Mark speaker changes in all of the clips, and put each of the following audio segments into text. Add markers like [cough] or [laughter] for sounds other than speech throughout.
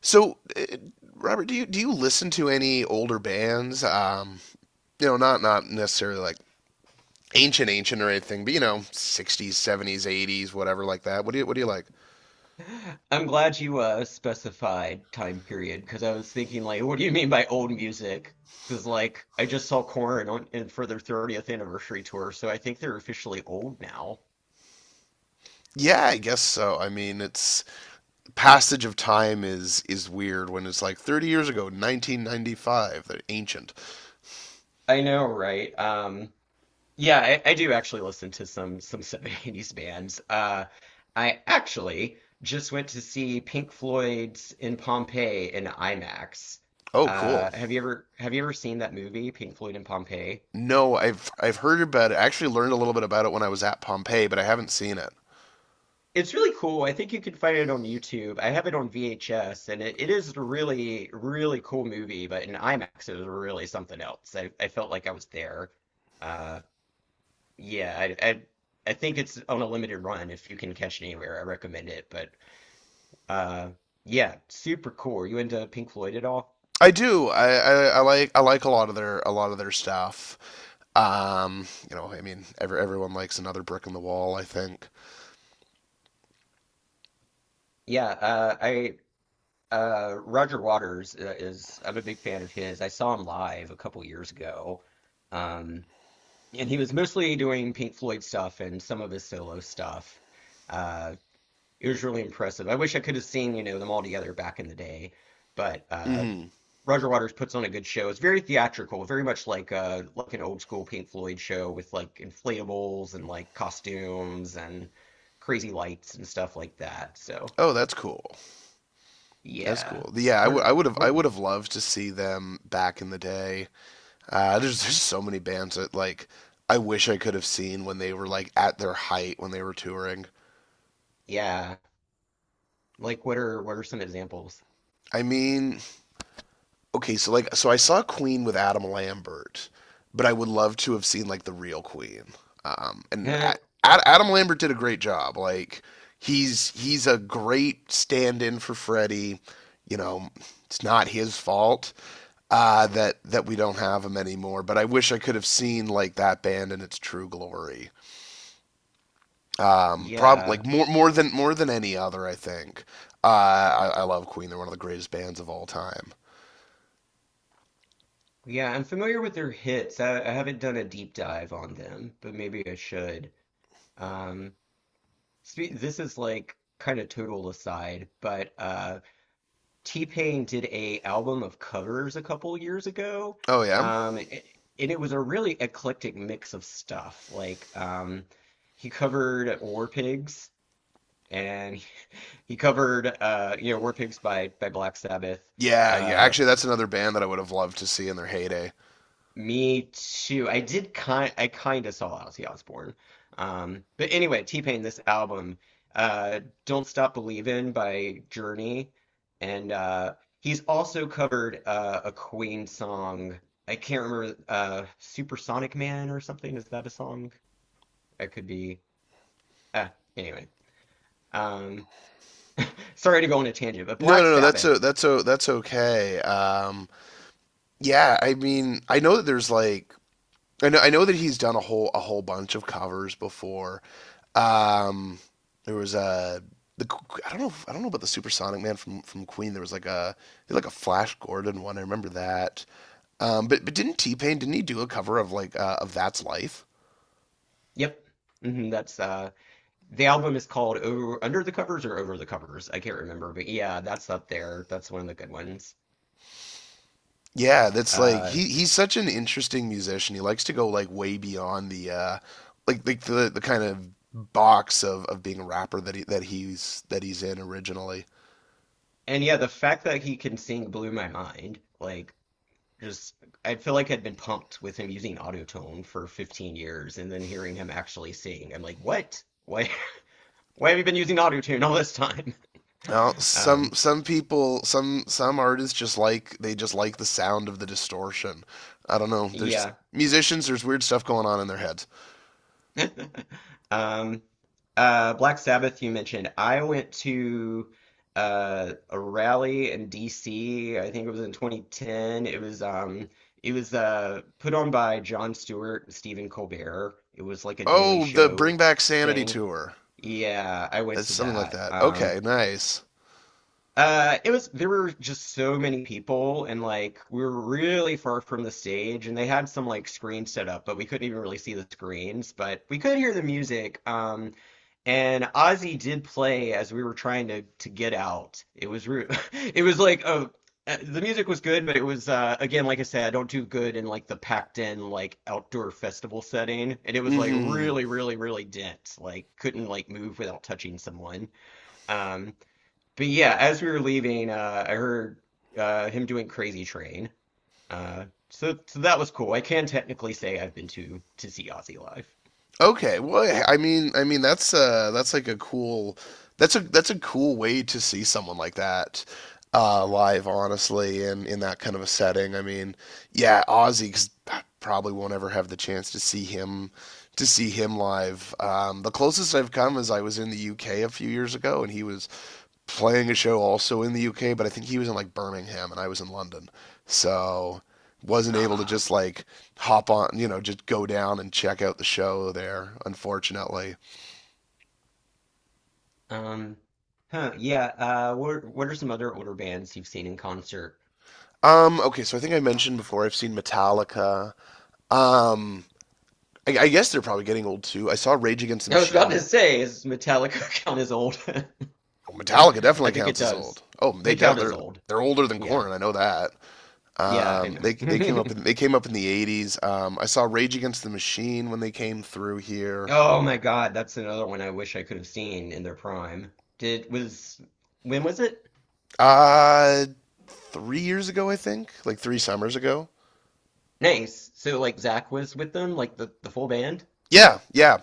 Speaker 1: So, uh, Robert, do you listen to any older bands? Not necessarily like ancient or anything, but you know, 60s, 70s, 80s, whatever like that. What do you like?
Speaker 2: I'm glad you specified time period because I was thinking like, what do you mean by old music? Because like I just saw Korn on and for their 30th anniversary tour, so I think they're officially old now.
Speaker 1: Yeah, I guess so. I mean, it's passage of time is weird when it's like 30 years ago, 1995, they're ancient.
Speaker 2: I know, right? Yeah, I do actually listen to some [laughs] 70s bands. I actually just went to see Pink Floyd's in Pompeii in IMAX.
Speaker 1: Oh, cool.
Speaker 2: Have you ever seen that movie, Pink Floyd in Pompeii?
Speaker 1: No, I've heard about it. I actually learned a little bit about it when I was at Pompeii, but I haven't seen it.
Speaker 2: It's really cool. I think you can find it on YouTube. I have it on VHS, and it is a really, really cool movie, but in IMAX, it was really something else. I felt like I was there. Uh, yeah, I, I, I think it's on a limited run. If you can catch it anywhere, I recommend it. But uh, yeah, super cool. You into Pink Floyd at all?
Speaker 1: I do. I like I like a lot of their a lot of their stuff. I mean, everyone likes Another Brick in the Wall, I think.
Speaker 2: Yeah, I Roger Waters I'm a big fan of his. I saw him live a couple years ago. Um, and he was mostly doing Pink Floyd stuff and some of his solo stuff. Uh, it was really impressive. I wish I could have seen, you know, them all together back in the day, but
Speaker 1: hmm
Speaker 2: Roger Waters puts on a good show. It's very theatrical, very much like an old school Pink Floyd show with like inflatables and like costumes and crazy lights and stuff like that. So
Speaker 1: Oh, that's cool. That's
Speaker 2: yeah,
Speaker 1: cool. Yeah, I
Speaker 2: what
Speaker 1: would I
Speaker 2: are
Speaker 1: would have I
Speaker 2: what?
Speaker 1: would
Speaker 2: are-
Speaker 1: have loved to see them back in the day. There's so many bands that like I wish I could have seen when they were like at their height when they were touring.
Speaker 2: yeah, like what are some examples?
Speaker 1: I mean, okay, so so I saw Queen with Adam Lambert, but I would love to have seen like the real Queen. Um, and A-
Speaker 2: [laughs]
Speaker 1: Adam Lambert did a great job. Like he's a great stand-in for Freddie. You know, it's not his fault that we don't have him anymore. But I wish I could have seen like that band in its true glory. Prob like
Speaker 2: Yeah.
Speaker 1: more more than any other, I think. I love Queen. They're one of the greatest bands of all time.
Speaker 2: Yeah, I'm familiar with their hits. I haven't done a deep dive on them, but maybe I should. Um, spe this is like kind of total aside, but T-Pain did a album of covers a couple years ago,
Speaker 1: Oh, yeah.
Speaker 2: um, it, and it was a really eclectic mix of stuff. Like he covered War Pigs, and he covered you know War Pigs by Black Sabbath.
Speaker 1: Yeah, yeah.
Speaker 2: uh,
Speaker 1: Actually, that's another band that I would have loved to see in their heyday.
Speaker 2: Me too. I kind of saw Ozzy Osbourne. But anyway, T-Pain, this album, Don't Stop Believin' by Journey. And he's also covered a Queen song. I can't remember Supersonic Man or something. Is that a song? That could be. Uh, anyway. Um, sorry to go on a tangent, but
Speaker 1: No,
Speaker 2: Black
Speaker 1: no, no. That's
Speaker 2: Sabbath.
Speaker 1: that's okay. Yeah. I mean, I know that there's like, I know that he's done a whole bunch of covers before. Um, there was a the I don't know I don't know about the Supersonic Man from Queen. There was like a Flash Gordon one. I remember that. But didn't T Pain, didn't he do a cover of like of That's Life?
Speaker 2: Yep. hmm that's the album is called Over Under the Covers or Over the Covers. I can't remember, but yeah, that's up there. That's one of the good ones.
Speaker 1: Yeah, that's like
Speaker 2: Uh,
Speaker 1: he's such an interesting musician. He likes to go like way beyond the like the kind of box of being a rapper that he that he's in originally.
Speaker 2: and yeah, the fact that he can sing blew my mind. Like, just I feel like I'd been pumped with him using autotune for 15 years, and then hearing him actually sing, I'm like, what? Why? [laughs] Why have you been using autotune all this time? [laughs]
Speaker 1: Now, some
Speaker 2: Um,
Speaker 1: some people, some artists just like, they just like the sound of the distortion. I don't know. There's
Speaker 2: yeah.
Speaker 1: musicians, there's weird stuff going on in their heads.
Speaker 2: [laughs] Um, Black Sabbath, you mentioned. I went to a rally in DC. I think it was in 2010. It was put on by Jon Stewart and Stephen Colbert. It was like a Daily
Speaker 1: Oh, the Bring
Speaker 2: Show
Speaker 1: Back Sanity
Speaker 2: thing.
Speaker 1: tour.
Speaker 2: Yeah, I went
Speaker 1: That's
Speaker 2: to
Speaker 1: something like
Speaker 2: that.
Speaker 1: that. Okay, nice.
Speaker 2: It was there were just so many people, and like we were really far from the stage, and they had some like screens set up, but we couldn't even really see the screens, but we could hear the music. And Ozzy did play as we were trying to get out. It was re [laughs] it was like a the music was good, but it was again like I said, I don't do good in like the packed in like outdoor festival setting, and it was like
Speaker 1: Mhm.
Speaker 2: really really really dense, like couldn't like move without touching someone. Um, but yeah, as we were leaving, I heard him doing Crazy Train. Uh, so that was cool. I can technically say I've been to see Ozzy live.
Speaker 1: Okay, well, yeah, I mean, I mean, that's like a cool, that's a cool way to see someone like that live honestly, and in that kind of a setting. I mean, yeah, Ozzy, 'cause I probably won't ever have the chance to see him live. Um, the closest I've come is I was in the UK a few years ago, and he was playing a show also in the UK, but I think he was in like Birmingham and I was in London. So wasn't able to
Speaker 2: Ah.
Speaker 1: just like hop on, you know, just go down and check out the show there, unfortunately.
Speaker 2: Um, yeah. What are some other older bands you've seen in concert?
Speaker 1: Okay, so I think I mentioned before, I've seen Metallica. Um, I guess they're probably getting old too. I saw Rage Against the
Speaker 2: I was about to
Speaker 1: Machine.
Speaker 2: say, is Metallica [laughs] count as old? [laughs]
Speaker 1: Oh,
Speaker 2: [laughs]
Speaker 1: Metallica
Speaker 2: I
Speaker 1: definitely
Speaker 2: think it
Speaker 1: counts as
Speaker 2: does.
Speaker 1: old. Oh, they
Speaker 2: They
Speaker 1: def-
Speaker 2: count as
Speaker 1: they're
Speaker 2: old.
Speaker 1: they're older than
Speaker 2: Yeah.
Speaker 1: Corn. I know that.
Speaker 2: Yeah, I
Speaker 1: They they came
Speaker 2: know.
Speaker 1: up in they
Speaker 2: [laughs]
Speaker 1: came up in the '80s. I saw Rage Against the Machine when they came through here.
Speaker 2: Oh my God, that's another one I wish I could have seen in their prime. Did was when was it?
Speaker 1: Uh, 3 years ago, I think, like three summers ago.
Speaker 2: Nice. So like Zach was with them, like the full band?
Speaker 1: Yeah, yeah.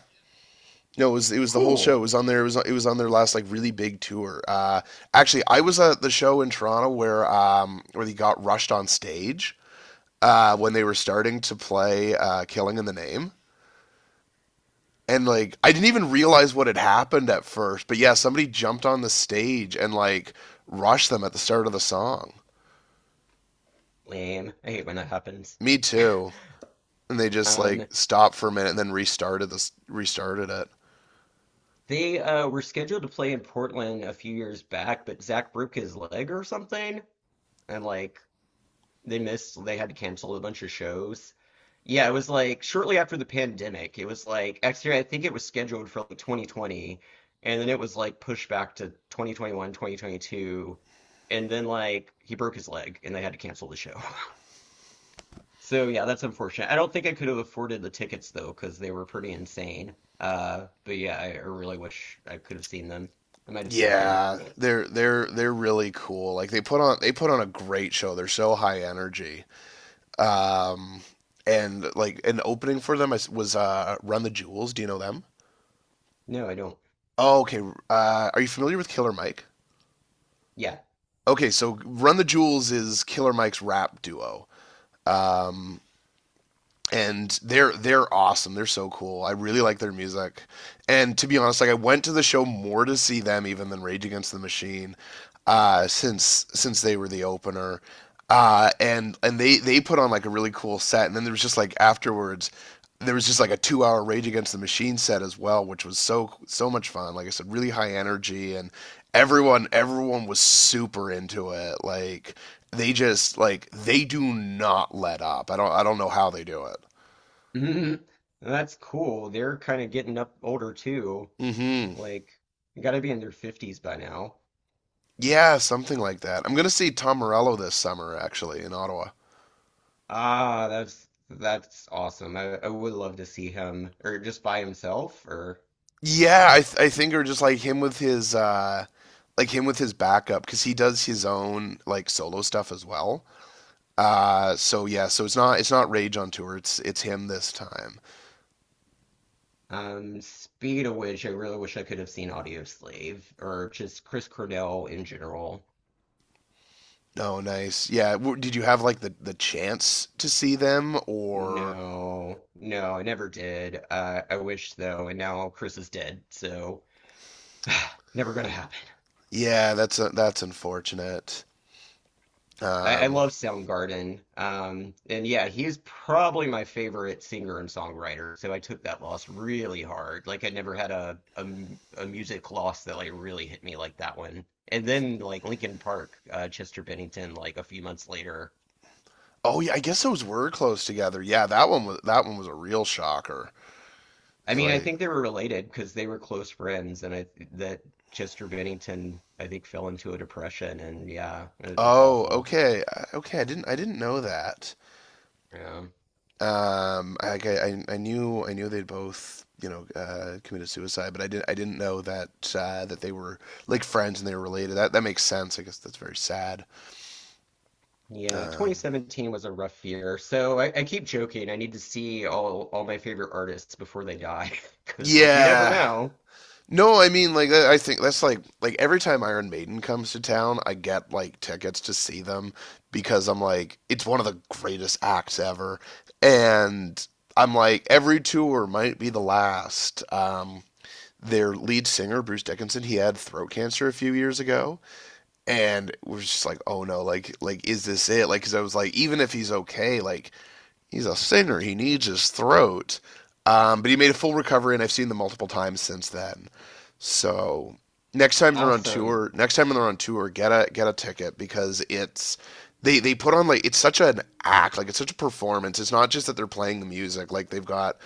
Speaker 1: No, it was the whole show. It
Speaker 2: Cool.
Speaker 1: was on their it was on their last like really big tour. Actually, I was at the show in Toronto where they got rushed on stage when they were starting to play "Killing in the Name." And like I didn't even realize what had happened at first, but yeah, somebody jumped on the stage and like rushed them at the start of the song.
Speaker 2: Lame. I hate when that happens.
Speaker 1: Me too. And they just like
Speaker 2: Um
Speaker 1: stopped for a minute and then restarted it.
Speaker 2: they were scheduled to play in Portland a few years back, but Zach broke his leg or something and like they missed, they had to cancel a bunch of shows. Yeah, it was like shortly after the pandemic. It was like actually I think it was scheduled for like 2020 and then it was like pushed back to 2021, 2022, and then like he broke his leg and they had to cancel the show. [laughs] So yeah, that's unfortunate. I don't think I could have afforded the tickets though because they were pretty insane. But yeah, I really wish I could have seen them. I might have snuck in.
Speaker 1: Yeah, they're really cool. Like they put on a great show. They're so high energy. Um and like an opening for them was Run the Jewels. Do you know them?
Speaker 2: No, I don't.
Speaker 1: Oh, okay. Are you familiar with Killer Mike?
Speaker 2: Yeah.
Speaker 1: Okay, so Run the Jewels is Killer Mike's rap duo. Um and they're awesome. They're so cool. I really like their music. And to be honest, like I went to the show more to see them even than Rage Against the Machine, since they were the opener. And they put on like a really cool set. And then there was just like afterwards, there was just like a 2 hour Rage Against the Machine set as well, which was so much fun. Like I said, really high energy, and everyone was super into it. Like they just like they do not let up. I don't know how they do it.
Speaker 2: [laughs] That's cool. They're kind of getting up older too.
Speaker 1: Mm-hmm.
Speaker 2: Like, gotta be in their 50s by now.
Speaker 1: Yeah, something like that. I'm gonna see Tom Morello this summer, actually, in Ottawa.
Speaker 2: Ah, that's awesome. I would love to see him, or just by himself, or
Speaker 1: I think or just like him with his like him with his backup, because he does his own like solo stuff as well. So yeah, so it's not Rage on tour. It's him this time.
Speaker 2: speed of which I really wish I could have seen Audio Slave, or just Chris Cornell in general.
Speaker 1: Oh, nice. Yeah, did you have like the chance to see them, or?
Speaker 2: No, no, I never did. I wish though, and now Chris is dead, so never gonna happen.
Speaker 1: Yeah, that's unfortunate.
Speaker 2: I
Speaker 1: Um,
Speaker 2: love Soundgarden. And yeah, he is probably my favorite singer and songwriter. So I took that loss really hard. Like I never had a music loss that like really hit me like that one. And then like Linkin Park, Chester Bennington, like a few months later.
Speaker 1: oh yeah, I guess those were close together. Yeah, that one was a real shocker.
Speaker 2: I
Speaker 1: It's
Speaker 2: mean, I
Speaker 1: like...
Speaker 2: think they were related because they were close friends, and I that Chester Bennington, I think, fell into a depression, and yeah, it's
Speaker 1: Oh,
Speaker 2: awful.
Speaker 1: okay. Okay, I didn't know that.
Speaker 2: Yeah.
Speaker 1: I knew, they'd both, you know, committed suicide, but I didn't know that that they were like friends and they were related. That that makes sense. I guess that's very sad.
Speaker 2: Yeah,
Speaker 1: Um,
Speaker 2: 2017 was a rough year. So I keep joking. I need to see all my favorite artists before they die, [laughs] because like you never
Speaker 1: yeah.
Speaker 2: know.
Speaker 1: No, I mean like I think that's like every time Iron Maiden comes to town, I get like tickets to see them, because I'm like, it's one of the greatest acts ever, and I'm like, every tour might be the last. Their lead singer Bruce Dickinson, he had throat cancer a few years ago, and was just like, oh no, like is this it, like cuz I was like, even if he's okay, like he's a singer. He needs his throat. But he made a full recovery, and I've seen them multiple times since then. So
Speaker 2: Awesome.
Speaker 1: next time they're on tour, get a ticket because it's, they put on like, it's such an act, like it's such a performance. It's not just that they're playing the music, like they've got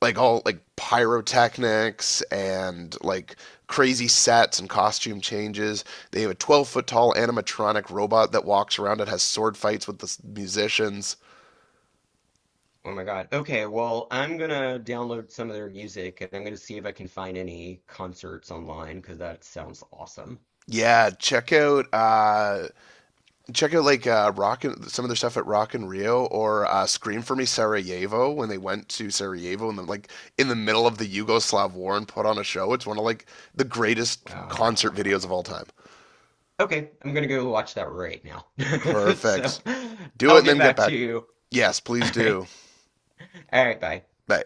Speaker 1: like all like pyrotechnics and like crazy sets and costume changes. They have a 12-foot tall animatronic robot that walks around and has sword fights with the musicians.
Speaker 2: Oh my God. Okay, well I'm gonna download some of their music and I'm gonna see if I can find any concerts online because that sounds awesome.
Speaker 1: Yeah, check out like rock and some of their stuff at Rock and Rio, or Scream for Me Sarajevo, when they went to Sarajevo and then like in the middle of the Yugoslav war and put on a show. It's one of like the greatest concert videos of all
Speaker 2: Wow.
Speaker 1: time.
Speaker 2: Okay, I'm gonna go watch that right now. [laughs] So
Speaker 1: Perfect. Do it
Speaker 2: I'll
Speaker 1: and
Speaker 2: get
Speaker 1: then get
Speaker 2: back to
Speaker 1: back.
Speaker 2: you.
Speaker 1: Yes,
Speaker 2: [laughs]
Speaker 1: please
Speaker 2: All right.
Speaker 1: do.
Speaker 2: All right. Bye.
Speaker 1: Bye.